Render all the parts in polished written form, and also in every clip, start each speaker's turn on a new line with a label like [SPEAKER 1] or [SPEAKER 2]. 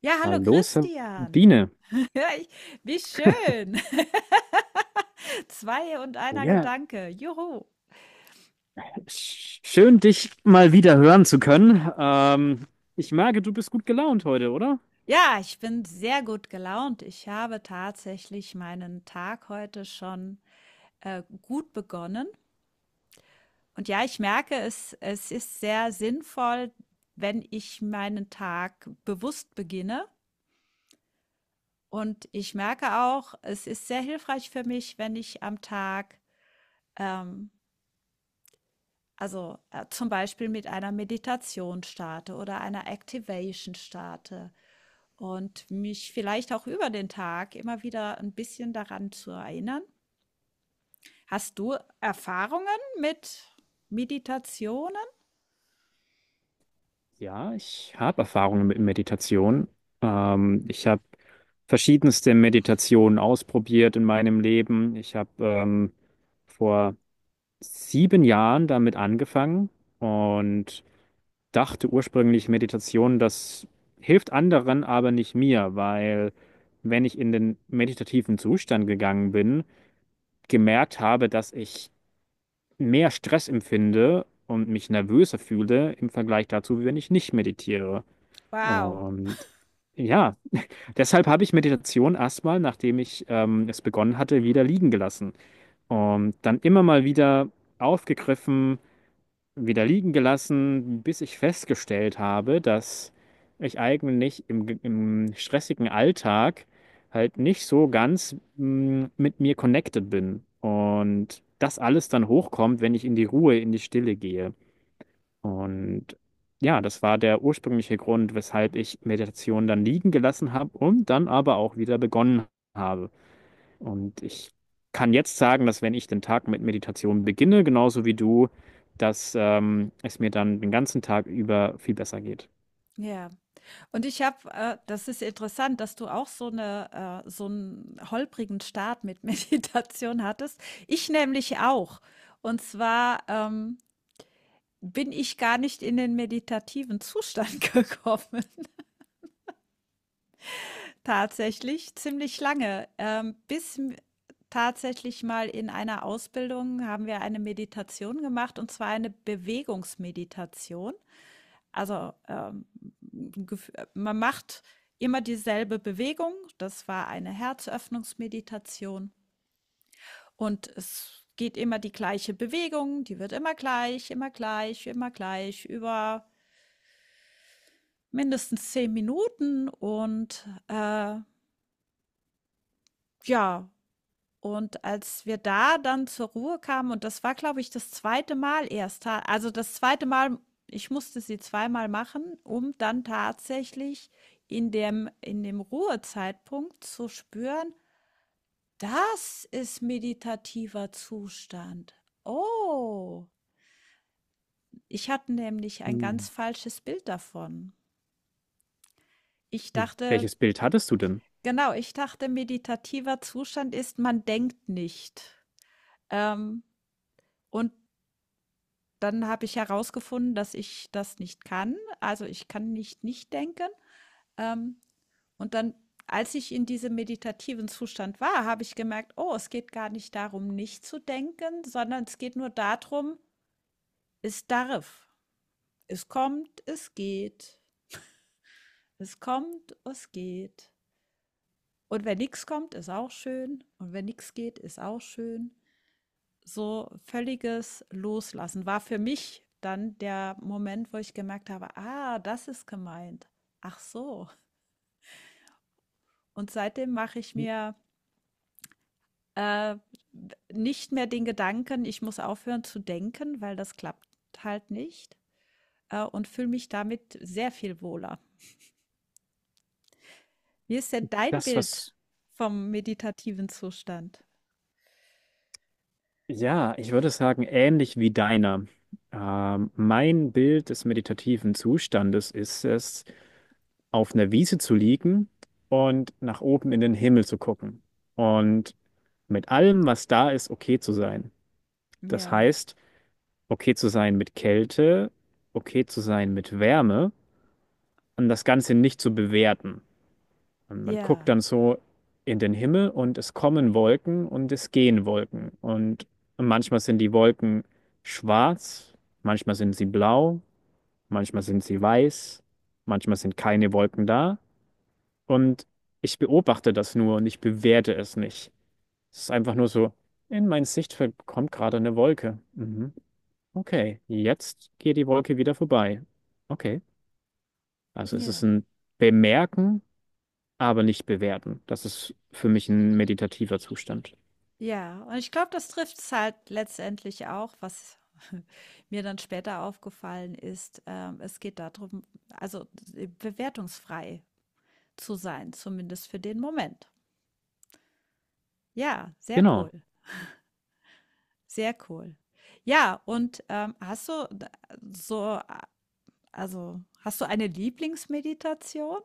[SPEAKER 1] Ja, hallo
[SPEAKER 2] Hallo
[SPEAKER 1] Christian.
[SPEAKER 2] Sabine.
[SPEAKER 1] Ja, ich, wie schön. Zwei und einer
[SPEAKER 2] Ja,
[SPEAKER 1] Gedanke. Juhu.
[SPEAKER 2] schön dich mal wieder hören zu können. Ich merke, du bist gut gelaunt heute, oder?
[SPEAKER 1] Ja, ich bin sehr gut gelaunt. Ich habe tatsächlich meinen Tag heute schon gut begonnen. Und ja, ich merke, es ist sehr sinnvoll, wenn ich meinen Tag bewusst beginne. Und ich merke auch, es ist sehr hilfreich für mich, wenn ich am Tag ähm, also zum Beispiel mit einer Meditation starte oder einer Activation starte und mich vielleicht auch über den Tag immer wieder ein bisschen daran zu erinnern. Hast du Erfahrungen mit Meditationen?
[SPEAKER 2] Ja, ich habe Erfahrungen mit Meditation. Ich habe verschiedenste Meditationen ausprobiert in meinem Leben. Ich habe vor 7 Jahren damit angefangen und dachte ursprünglich, Meditation, das hilft anderen, aber nicht mir, weil wenn ich in den meditativen Zustand gegangen bin, gemerkt habe, dass ich mehr Stress empfinde und mich nervöser fühle im Vergleich dazu, wie wenn ich nicht meditiere.
[SPEAKER 1] Wow.
[SPEAKER 2] Und ja, deshalb habe ich Meditation erstmal, nachdem ich es begonnen hatte, wieder liegen gelassen und dann immer mal wieder aufgegriffen wieder liegen gelassen, bis ich festgestellt habe, dass ich eigentlich im stressigen Alltag halt nicht so ganz mit mir connected bin. Und das alles dann hochkommt, wenn ich in die Ruhe, in die Stille gehe. Und ja, das war der ursprüngliche Grund, weshalb ich Meditation dann liegen gelassen habe und dann aber auch wieder begonnen habe. Und ich kann jetzt sagen, dass wenn ich den Tag mit Meditation beginne, genauso wie du, dass es mir dann den ganzen Tag über viel besser geht.
[SPEAKER 1] Ja, und das ist interessant, dass du auch so so einen holprigen Start mit Meditation hattest. Ich nämlich auch. Und zwar, bin ich gar nicht in den meditativen Zustand gekommen, tatsächlich ziemlich lange, bis m tatsächlich mal in einer Ausbildung haben wir eine Meditation gemacht, und zwar eine Bewegungsmeditation. Also, gef man macht immer dieselbe Bewegung. Das war eine Herzöffnungsmeditation, und es geht immer die gleiche Bewegung, die wird immer gleich, immer gleich, immer gleich über mindestens 10 Minuten ja und als wir da dann zur Ruhe kamen, und das war, glaube ich, das zweite Mal erst, ta also das zweite Mal, ich musste sie zweimal machen, um dann tatsächlich in dem Ruhezeitpunkt zu spüren: „Das ist meditativer Zustand. Oh!“ Ich hatte nämlich ein
[SPEAKER 2] Hm.
[SPEAKER 1] ganz falsches Bild davon. Ich
[SPEAKER 2] Hm.
[SPEAKER 1] dachte,
[SPEAKER 2] Welches Bild hattest du denn?
[SPEAKER 1] genau, ich dachte, meditativer Zustand ist, man denkt nicht. Ähm, und dann habe ich herausgefunden, dass ich das nicht kann. Also ich kann nicht nicht denken. Ähm, und dann, Als ich in diesem meditativen Zustand war, habe ich gemerkt, oh, es geht gar nicht darum, nicht zu denken, sondern es geht nur darum, es darf. Es kommt, es geht. Es kommt, es geht. Und wenn nichts kommt, ist auch schön. Und wenn nichts geht, ist auch schön. So völliges Loslassen war für mich dann der Moment, wo ich gemerkt habe, ah, das ist gemeint. Ach so. Und seitdem mache ich mir äh, nicht mehr den Gedanken, ich muss aufhören zu denken, weil das klappt halt nicht, und fühle mich damit sehr viel wohler. Wie ist denn dein
[SPEAKER 2] Das,
[SPEAKER 1] Bild
[SPEAKER 2] was,
[SPEAKER 1] vom meditativen Zustand?
[SPEAKER 2] ja, ich würde sagen, ähnlich wie deiner. Mein Bild des meditativen Zustandes ist es, auf einer Wiese zu liegen und nach oben in den Himmel zu gucken und mit allem, was da ist, okay zu sein. Das
[SPEAKER 1] Ja,
[SPEAKER 2] heißt, okay zu sein mit Kälte, okay zu sein mit Wärme und das Ganze nicht zu bewerten. Und man guckt
[SPEAKER 1] ja,
[SPEAKER 2] dann so in den Himmel, und es kommen Wolken und es gehen Wolken. Und manchmal sind die Wolken schwarz, manchmal sind sie blau, manchmal sind sie weiß, manchmal sind keine Wolken da. Und ich beobachte das nur und ich bewerte es nicht. Es ist einfach nur so, in mein Sichtfeld kommt gerade eine Wolke. Mhm. Okay, jetzt geht die Wolke wieder vorbei. Okay, also es ist
[SPEAKER 1] ja.
[SPEAKER 2] ein Bemerken, aber nicht bewerten. Das ist für mich ein meditativer Zustand.
[SPEAKER 1] Ja, und ich glaube, das trifft es halt letztendlich auch, was mir dann später aufgefallen ist. Es geht darum, bewertungsfrei zu sein, zumindest für den Moment. Ja, sehr
[SPEAKER 2] Genau.
[SPEAKER 1] cool, sehr cool. Ja, und hast du d- so, a- also hast du eine Lieblingsmeditation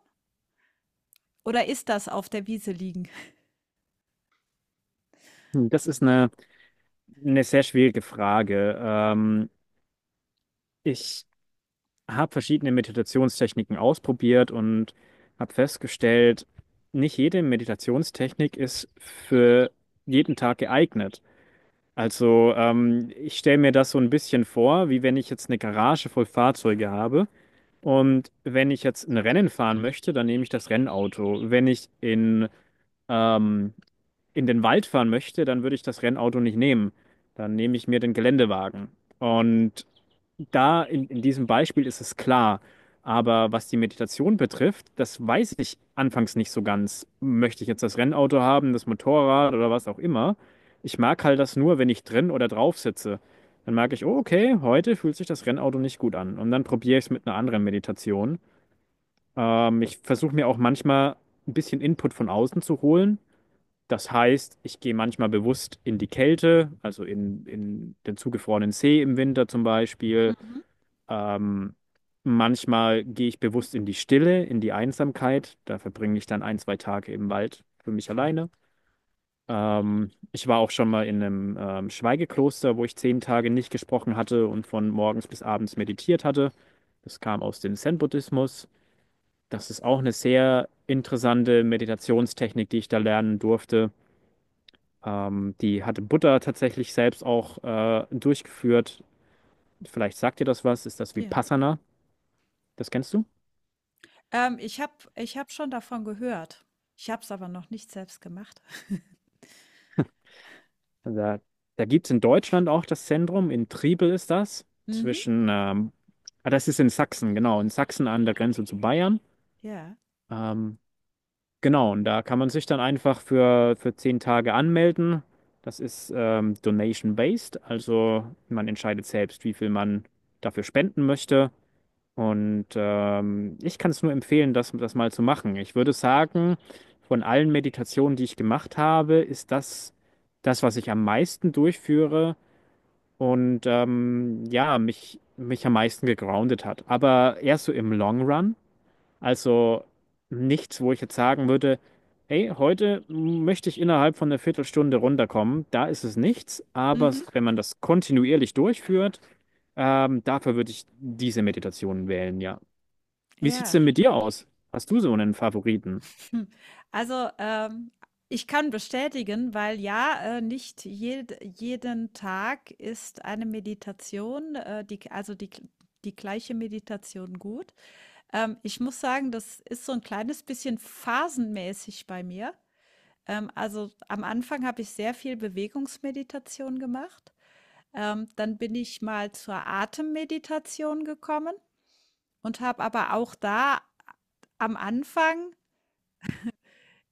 [SPEAKER 1] oder ist das auf der Wiese liegen?
[SPEAKER 2] Das ist eine sehr schwierige Frage. Ich habe verschiedene Meditationstechniken ausprobiert und habe festgestellt, nicht jede Meditationstechnik ist für jeden Tag geeignet. Also ich stelle mir das so ein bisschen vor, wie wenn ich jetzt eine Garage voll Fahrzeuge habe. Und wenn ich jetzt ein Rennen fahren möchte, dann nehme ich das Rennauto. Wenn ich ähm, in den Wald fahren möchte, dann würde ich das Rennauto nicht nehmen. Dann nehme ich mir den Geländewagen. Und da in diesem Beispiel ist es klar. Aber was die Meditation betrifft, das weiß ich anfangs nicht so ganz. Möchte ich jetzt das Rennauto haben, das Motorrad oder was auch immer? Ich mag halt das nur, wenn ich drin oder drauf sitze. Dann merke ich, oh, okay, heute fühlt sich das Rennauto nicht gut an. Und dann probiere ich es mit einer anderen Meditation. Ich versuche mir auch manchmal ein bisschen Input von außen zu holen. Das heißt, ich gehe manchmal bewusst in die Kälte, also in den zugefrorenen See im Winter zum Beispiel.
[SPEAKER 1] Mhm.
[SPEAKER 2] Ähm, Manchmal gehe ich bewusst in die Stille, in die Einsamkeit. Da verbringe ich dann ein, zwei Tage im Wald für mich alleine. Ich war auch schon mal in einem Schweigekloster, wo ich 10 Tage nicht gesprochen hatte und von morgens bis abends meditiert hatte. Das kam aus dem Zen-Buddhismus. Das ist auch eine sehr interessante Meditationstechnik, die ich da lernen durfte. Die hatte Buddha tatsächlich selbst auch durchgeführt. Vielleicht sagt dir das was, ist das
[SPEAKER 1] Ja,
[SPEAKER 2] Vipassana? Das kennst du?
[SPEAKER 1] ähm, ich hab schon davon gehört. Ich habe es aber noch nicht selbst gemacht.
[SPEAKER 2] Da, da gibt es in Deutschland auch das Zentrum, in Triebel ist das,
[SPEAKER 1] Mhm.
[SPEAKER 2] das ist in Sachsen, genau, in Sachsen an der Grenze zu Bayern.
[SPEAKER 1] Ja.
[SPEAKER 2] Ähm, genau, und da kann man sich dann einfach für 10 Tage anmelden. Das ist donation-based, also man entscheidet selbst, wie viel man dafür spenden möchte. Und ich kann es nur empfehlen, das mal zu machen. Ich würde sagen, von allen Meditationen, die ich gemacht habe, ist das das, was ich am meisten durchführe und ja, mich am meisten gegroundet hat. Aber eher so im Long Run. Also nichts, wo ich jetzt sagen würde, hey, heute möchte ich innerhalb von einer Viertelstunde runterkommen. Da ist es nichts. Aber
[SPEAKER 1] Mhm.
[SPEAKER 2] wenn man das kontinuierlich durchführt, dafür würde ich diese Meditationen wählen, ja. Wie sieht's
[SPEAKER 1] Ja.
[SPEAKER 2] denn mit dir aus? Hast du so einen Favoriten?
[SPEAKER 1] Hm. Also, ich kann bestätigen, weil ja, nicht jed jeden Tag ist eine Meditation, die gleiche Meditation gut. Ich muss sagen, das ist so ein kleines bisschen phasenmäßig bei mir. Also am Anfang habe ich sehr viel Bewegungsmeditation gemacht. Dann bin ich mal zur Atemmeditation gekommen und habe aber auch da am Anfang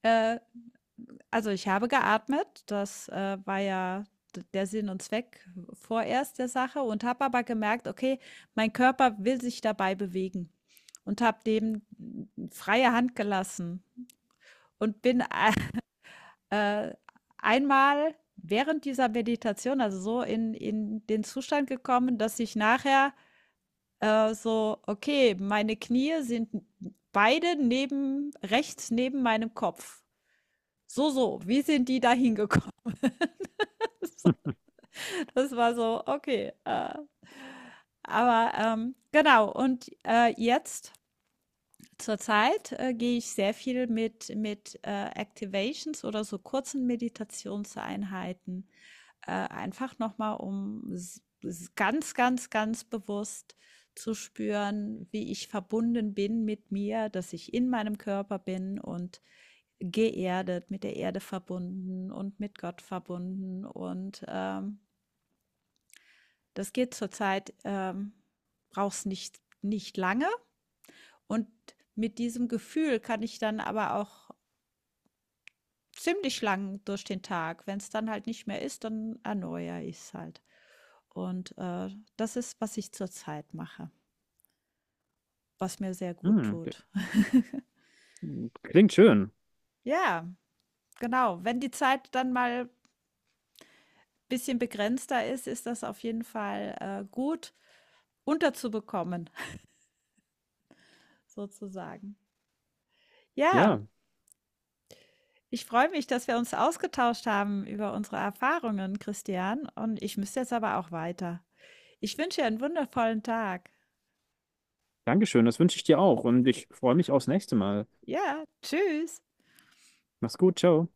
[SPEAKER 1] äh, also, ich habe geatmet, war ja d der Sinn und Zweck vorerst der Sache, und habe aber gemerkt: „Okay, mein Körper will sich dabei bewegen“, und habe dem freie Hand gelassen und äh, einmal während dieser Meditation, also, so in den Zustand gekommen, dass ich nachher so okay, meine Knie sind beide neben rechts neben meinem Kopf. So, so, wie sind die da hingekommen? Das war so, okay. Genau, und jetzt zurzeit gehe ich sehr viel mit, mit Activations oder so kurzen Meditationseinheiten, einfach nochmal, um ganz, ganz, ganz bewusst zu spüren, wie ich verbunden bin mit mir, dass ich in meinem Körper bin und geerdet, mit der Erde verbunden und mit Gott verbunden, und das geht zurzeit, braucht's nicht nicht lange, und mit diesem Gefühl kann ich dann aber auch ziemlich lang durch den Tag. Wenn es dann halt nicht mehr ist, dann erneuere ich es halt. Und, das ist, was ich zurzeit mache, was mir sehr gut
[SPEAKER 2] Hm,
[SPEAKER 1] tut.
[SPEAKER 2] Klingt schön.
[SPEAKER 1] Ja, genau. Wenn die Zeit dann mal ein bisschen begrenzter ist, ist das auf jeden Fall, gut unterzubekommen sozusagen. Ja.
[SPEAKER 2] Ja,
[SPEAKER 1] Ich freue mich, dass wir uns ausgetauscht haben über unsere Erfahrungen, Christian. Und ich müsste jetzt aber auch weiter. Ich wünsche dir einen wundervollen Tag.
[SPEAKER 2] danke schön. Das wünsche ich dir auch. Und ich freue mich aufs nächste Mal.
[SPEAKER 1] Ja, tschüss.
[SPEAKER 2] Mach's gut, ciao.